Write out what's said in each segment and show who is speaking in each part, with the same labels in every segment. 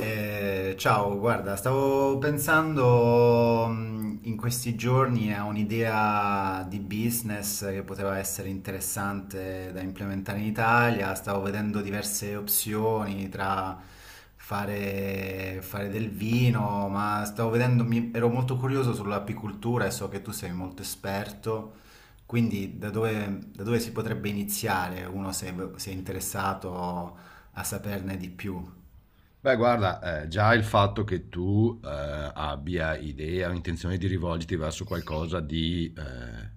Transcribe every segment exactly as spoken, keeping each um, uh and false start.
Speaker 1: Eh, ciao, guarda, stavo pensando mh, in questi giorni a un'idea di business che poteva essere interessante da implementare in Italia. Stavo vedendo diverse opzioni tra fare, fare del vino, ma stavo vedendo, mi- ero molto curioso sull'apicoltura e so che tu sei molto esperto. Quindi da dove, da dove si potrebbe iniziare uno se se è interessato a saperne di più?
Speaker 2: Beh, guarda, eh, già il fatto che tu eh, abbia idea o intenzione di rivolgerti verso qualcosa di, eh,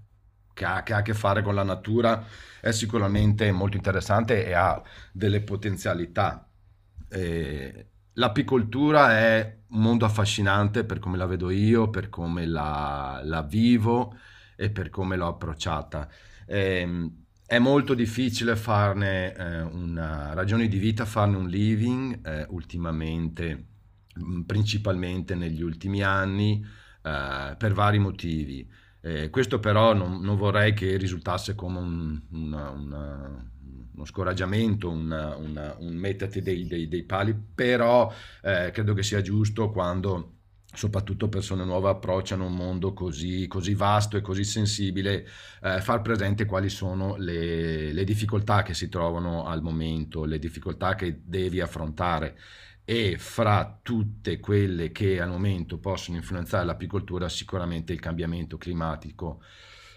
Speaker 2: che ha, che ha a che fare con la natura è sicuramente molto interessante e ha delle potenzialità. Eh, l'apicoltura è un mondo affascinante per come la vedo io, per come la, la vivo e per come l'ho approcciata. Ehm, è molto difficile farne eh, una ragione di vita, farne un living eh, ultimamente, mh, principalmente negli ultimi anni, eh, per vari motivi. Eh, questo però non, non vorrei che risultasse come un- una- una- uno scoraggiamento, una- una- un metterti dei, dei- dei pali, però eh, credo che sia giusto quando soprattutto persone nuove approcciano un mondo così così vasto e così sensibile eh, far presente quali sono le, le difficoltà che si trovano al momento, le difficoltà che devi affrontare e fra tutte quelle che al momento possono influenzare l'apicoltura sicuramente il cambiamento climatico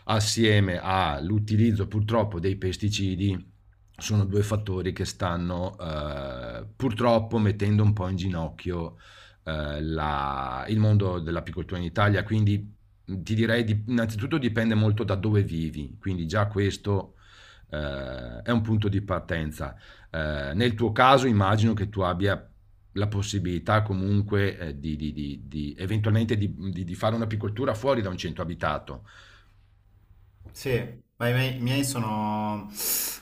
Speaker 2: assieme all'utilizzo purtroppo dei pesticidi sono due fattori che stanno eh, purtroppo mettendo un po' in ginocchio eh, la- il mondo dell'apicoltura in Italia, quindi ti direi di- innanzitutto dipende molto da dove vivi, quindi già questo eh, è un punto di partenza. Eh, nel tuo caso immagino che tu abbia la possibilità comunque eh, di, di- di- di- eventualmente di, di- di fare un'apicoltura fuori da un centro abitato.
Speaker 1: Sì, ma i miei, i miei sono,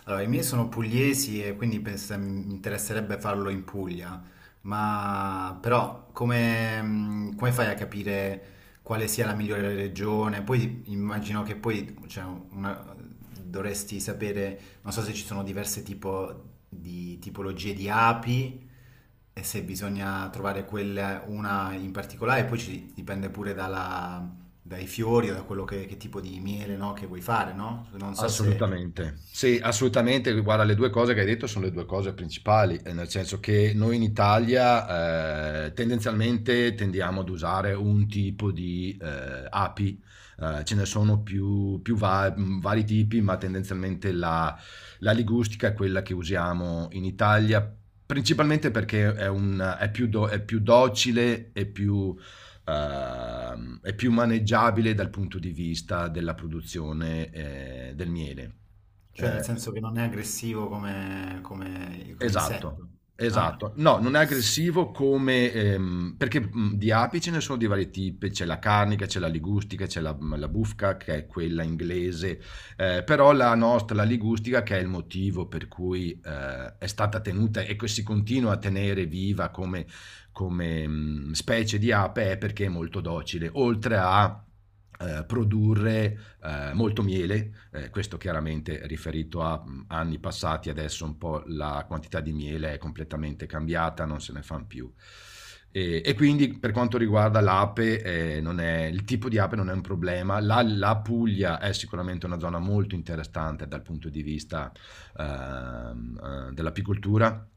Speaker 1: allora, i miei sono pugliesi e quindi pens- mi interesserebbe farlo in Puglia, ma però come, mh, come fai a capire quale sia la migliore regione? Poi immagino che poi cioè, una- dovresti sapere, non so se ci sono diverse tipo di tipologie di api e se bisogna trovare quella, una in particolare, poi ci dipende pure dai fiori o da quello che, che tipo di miele, no, che vuoi fare, no? Non so se,
Speaker 2: Assolutamente. Sì, assolutamente. Guarda, le due cose che hai detto sono le due cose principali, ehm, nel senso che noi in Italia, ehm, tendenzialmente tendiamo ad usare un tipo di, ehm, api, ehm, ce ne sono più più va mhmm, vari tipi, ma tendenzialmente la la ligustica è quella che usiamo in Italia, principalmente perché è un è più do è più docile e più eh, è più maneggiabile dal punto di vista della produzione eh, del miele.
Speaker 1: cioè
Speaker 2: Eh,
Speaker 1: nel senso che non è aggressivo come, come- come
Speaker 2: Esatto,
Speaker 1: insetto. Ah,
Speaker 2: esatto. No, non è
Speaker 1: sì.
Speaker 2: aggressivo come ehm, perché mh, di api ce ne sono di vari tipi, c'è la carnica, c'è la ligustica, c'è la, mhmm, la bufca che è quella inglese, eh, però la nostra, la ligustica, che è il motivo per cui eh, è stata tenuta e che si continua a tenere viva come, come, mh, specie di ape, è perché è molto docile, oltre a eh, produrre eh, molto miele, eh, questo chiaramente riferito a anni passati, adesso un po' la quantità di miele è completamente cambiata, non se ne fanno più. E, e quindi per quanto riguarda l'ape, eh, non è- il tipo di ape non è un problema. La, la Puglia è sicuramente una zona molto interessante dal punto di vista ehm, eh, dell'apicoltura.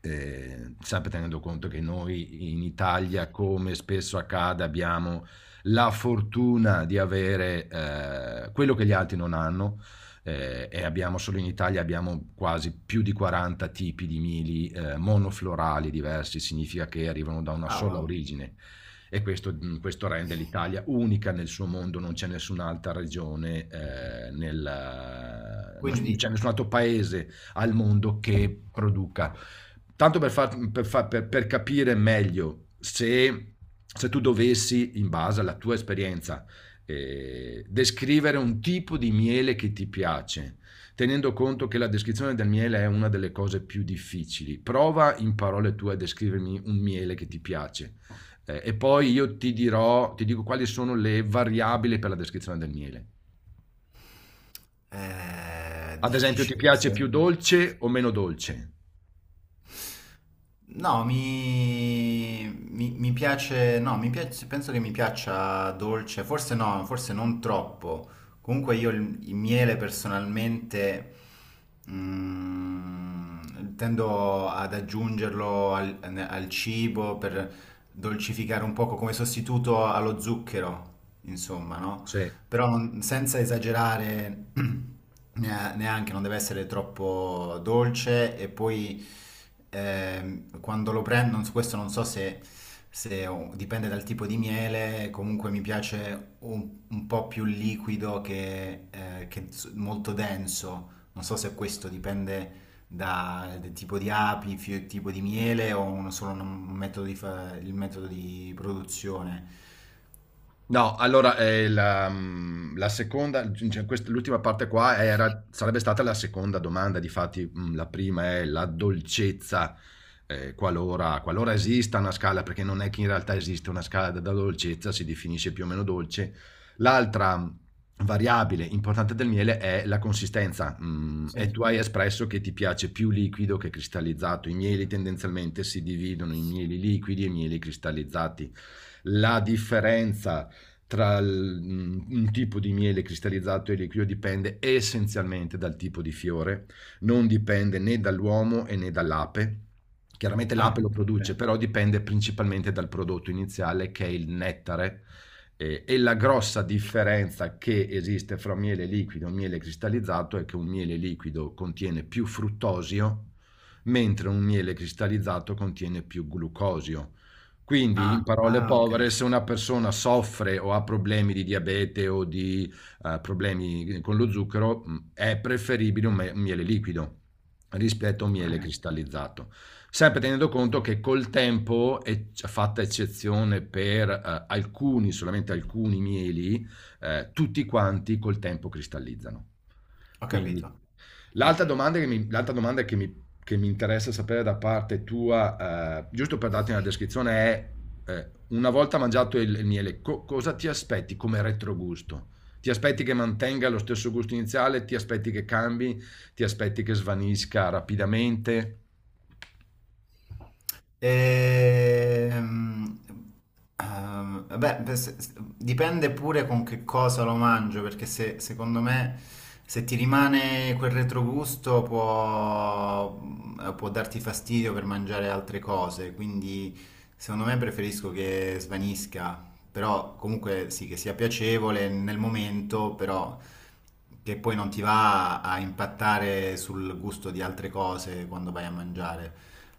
Speaker 2: eh, sempre tenendo conto che noi in Italia, come spesso accade, abbiamo la fortuna di avere eh, quello che gli altri non hanno, eh, e abbiamo solo in Italia abbiamo quasi più di quaranta tipi di mili eh, monoflorali diversi, significa che arrivano da una
Speaker 1: Ah,
Speaker 2: sola
Speaker 1: wow.
Speaker 2: origine e questo, mh, questo rende l'Italia unica nel suo mondo, non c'è nessun'altra regione, eh, nel- non
Speaker 1: Quindi
Speaker 2: c'è nessun altro paese al mondo che produca. Tanto per, far- per fa- per- per capire meglio, se, se tu dovessi, in base alla tua esperienza, eh, descrivere un tipo di miele che ti piace, tenendo conto che la descrizione del miele è una delle cose più difficili. Prova in parole tue a descrivermi un miele che ti piace, eh, e poi io ti dirò, ti dico quali sono le variabili per la descrizione del miele.
Speaker 1: eh, è
Speaker 2: Ad esempio, ti
Speaker 1: difficile
Speaker 2: piace
Speaker 1: questo, eh.
Speaker 2: più dolce o meno dolce?
Speaker 1: No, mi, mi- mi piace, no, mi piace, penso che mi piaccia dolce, forse no, forse non troppo. Comunque io il, il miele personalmente mm, tendo ad aggiungerlo al, al cibo per dolcificare un poco come sostituto allo zucchero, insomma, no?
Speaker 2: Sì.
Speaker 1: Però non- senza esagerare nea- neanche, non deve essere troppo dolce e poi ehm, quando lo prendo, non so- questo non so se, se ho- dipende dal tipo di miele, comunque mi piace un, un po' più liquido che, eh, che s- molto denso, non so se questo dipende dal tipo di api, fio- tipo di miele o un- solo un metodo di fa- il metodo di produzione.
Speaker 2: No, allora, ehm, la mhmm, la seconda, cioè quest l'ultima parte qua era sarebbe stata la seconda domanda, difatti, mhmm, la prima è la dolcezza, ehm, qualora qualora esista una scala, perché non è che in realtà esiste una scala della dolcezza, si definisce più o meno dolce. L'altra mm, variabile importante del miele è la consistenza, mhmm, e
Speaker 1: Sì.
Speaker 2: tu hai espresso che ti piace più liquido che cristallizzato. I mieli tendenzialmente si dividono in mieli liquidi e mieli cristallizzati. La differenza tra il- un tipo di miele cristallizzato e liquido dipende essenzialmente dal tipo di fiore, non dipende né dall'uomo e né dall'ape. Chiaramente l'ape
Speaker 1: Ah,
Speaker 2: lo produce,
Speaker 1: beh.
Speaker 2: però dipende principalmente dal prodotto iniziale che è il nettare. Eh, e la grossa differenza che esiste fra un miele liquido e un miele cristallizzato è che un miele liquido contiene più fruttosio, mentre un miele cristallizzato contiene più glucosio. Quindi, in
Speaker 1: Ah,
Speaker 2: parole
Speaker 1: ah, ok,
Speaker 2: povere, se una persona soffre o ha problemi di diabete o di eh, problemi con lo zucchero, mh, è preferibile un me- un miele liquido rispetto a un
Speaker 1: ok,
Speaker 2: miele cristallizzato. Sempre tenendo conto che col tempo, e c- fatta eccezione per eh, alcuni, solamente alcuni mieli, eh, tutti quanti col tempo cristallizzano.
Speaker 1: ho
Speaker 2: Quindi
Speaker 1: capito. Mm.
Speaker 2: L'altra domanda che mi, l'altra domanda che mi, che mi interessa sapere da parte tua, eh, giusto per darti una descrizione, è, eh, una volta mangiato il, il miele, co- cosa ti aspetti come retrogusto? Ti aspetti che mantenga lo stesso gusto iniziale? Ti aspetti che cambi? Ti aspetti che svanisca rapidamente?
Speaker 1: Ehm, Ehm, beh, beh, se- se- dipende pure con che cosa lo mangio, perché se, secondo me se ti rimane quel retrogusto può, eh, può darti fastidio per mangiare altre cose, quindi secondo me preferisco che svanisca, però comunque sì, che sia piacevole nel momento, però che poi non ti va a impattare sul gusto di altre cose quando vai a mangiare,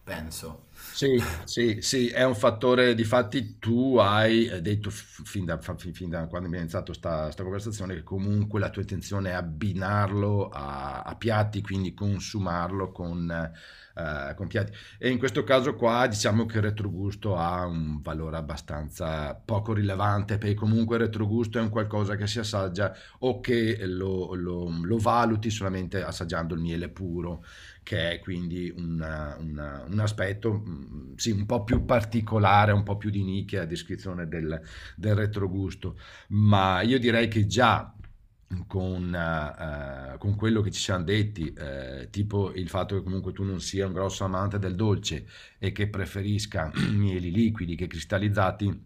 Speaker 1: penso.
Speaker 2: Sì, sì, sì, è un fattore, difatti tu hai eh, detto f- fin da, fa- fin- fin da quando abbiamo iniziato sta, sta conversazione che comunque la tua intenzione è abbinarlo a, a piatti, quindi consumarlo con, eh, con piatti. E in questo caso qua diciamo che il retrogusto ha un valore abbastanza poco rilevante, perché comunque il retrogusto è un qualcosa che si assaggia o che lo lo- lo valuti solamente assaggiando il miele puro, che è quindi una, una, un aspetto, mh, sì, un po' più particolare, un po' più di nicchia, a descrizione del, del retrogusto, ma io direi che già con, eh, con, quello che ci siamo detti, eh, tipo il fatto che comunque tu non sia un grosso amante del dolce e che preferisca mieli liquidi che cristallizzati,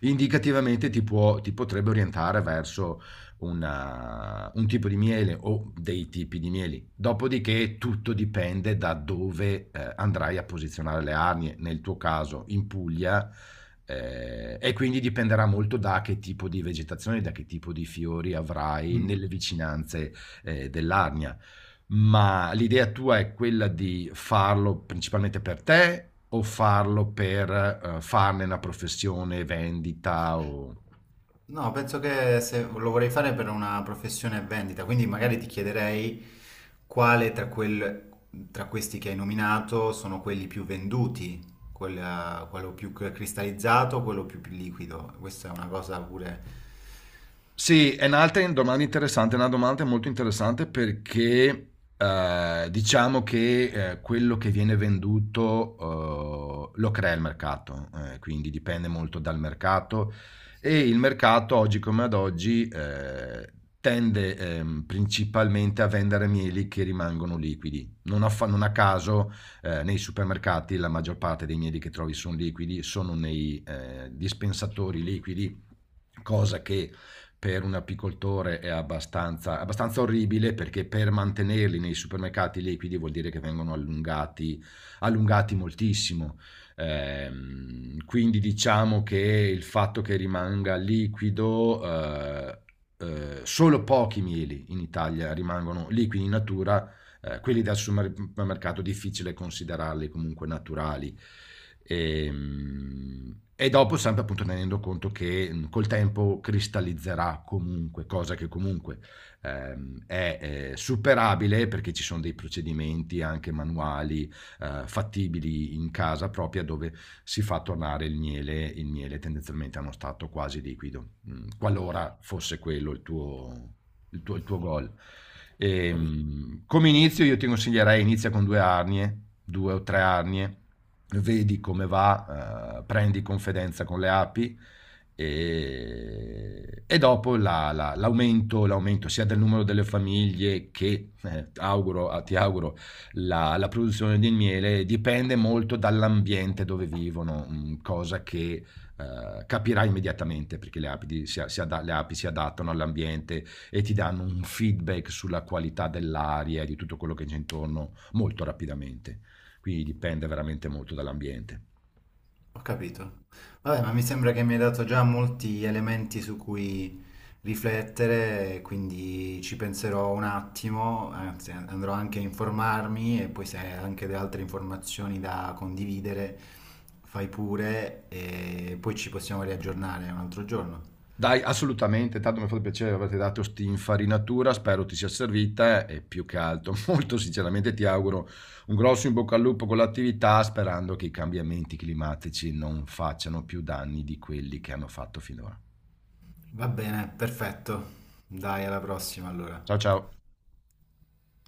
Speaker 2: indicativamente ti, può, ti potrebbe orientare verso una- un tipo di miele o dei tipi di mieli. Dopodiché tutto dipende da dove eh, andrai a posizionare le arnie, nel tuo caso in Puglia, eh, e quindi dipenderà molto da che tipo di vegetazione, da che tipo di fiori avrai nelle
Speaker 1: Mm.
Speaker 2: vicinanze eh, dell'arnia. Ma l'idea tua è quella di farlo principalmente per te o farlo per eh, farne una professione, vendita o...
Speaker 1: No, penso che se lo vorrei fare per una professione vendita, quindi magari ti chiederei quale tra, quel- tra questi che hai nominato sono quelli più venduti, quella- quello più cristallizzato, quello più liquido. Questa è una cosa pure...
Speaker 2: Sì, è un'altra domanda interessante, è una domanda molto interessante perché eh, diciamo che eh, quello che viene venduto eh, lo crea il mercato, eh, quindi dipende molto dal mercato e il mercato oggi come ad oggi eh, tende ehm, principalmente a vendere mieli che rimangono liquidi. Non a, fa- non a caso eh, nei supermercati la maggior parte dei mieli che trovi sono liquidi, sono nei eh, dispensatori liquidi, cosa che per un apicoltore è abbastanza, abbastanza orribile perché per mantenerli nei supermercati liquidi vuol dire che vengono allungati, allungati moltissimo. Ehm, quindi diciamo che il fatto che rimanga liquido, eh, eh, solo pochi mieli in Italia rimangono liquidi in natura, eh, quelli dal supermercato difficile considerarli comunque naturali. E, e dopo sempre appunto tenendo conto che mh, col tempo cristallizzerà comunque, cosa che comunque ehm, è eh, superabile perché ci sono dei procedimenti anche manuali eh, fattibili in casa propria dove si fa tornare il miele, il miele tendenzialmente a uno stato quasi liquido, mh, qualora fosse quello il tuo il tuo, il tuo gol. Ehm, come inizio io ti consiglierei inizia con due arnie, due o tre arnie, vedi come va, eh, prendi confidenza con le api e, e dopo la- la- l'aumento, l'aumento sia del numero delle famiglie che, eh, auguro- ah, ti auguro, la, la produzione di miele dipende molto dall'ambiente dove vivono, mm, cosa che eh, capirai immediatamente perché le api, di- si, a- si ada- le api si adattano all'ambiente e ti danno un feedback sulla qualità dell'aria e di tutto quello che c'è intorno molto rapidamente. Quindi dipende veramente molto dall'ambiente.
Speaker 1: Ho capito. Vabbè, ma mi sembra che mi hai dato già molti elementi su cui riflettere, quindi ci penserò un attimo, anzi andrò anche a informarmi e poi se hai anche delle altre informazioni da condividere, fai pure e poi ci possiamo riaggiornare un altro giorno.
Speaker 2: Dai, assolutamente, tanto mi ha fatto piacere averti dato questa infarinatura, spero ti sia servita e più che altro, molto sinceramente ti auguro un grosso in bocca al lupo con l'attività, sperando che i cambiamenti climatici non facciano più danni di quelli che hanno fatto finora.
Speaker 1: Va bene, perfetto. Dai, alla prossima allora.
Speaker 2: Ciao ciao!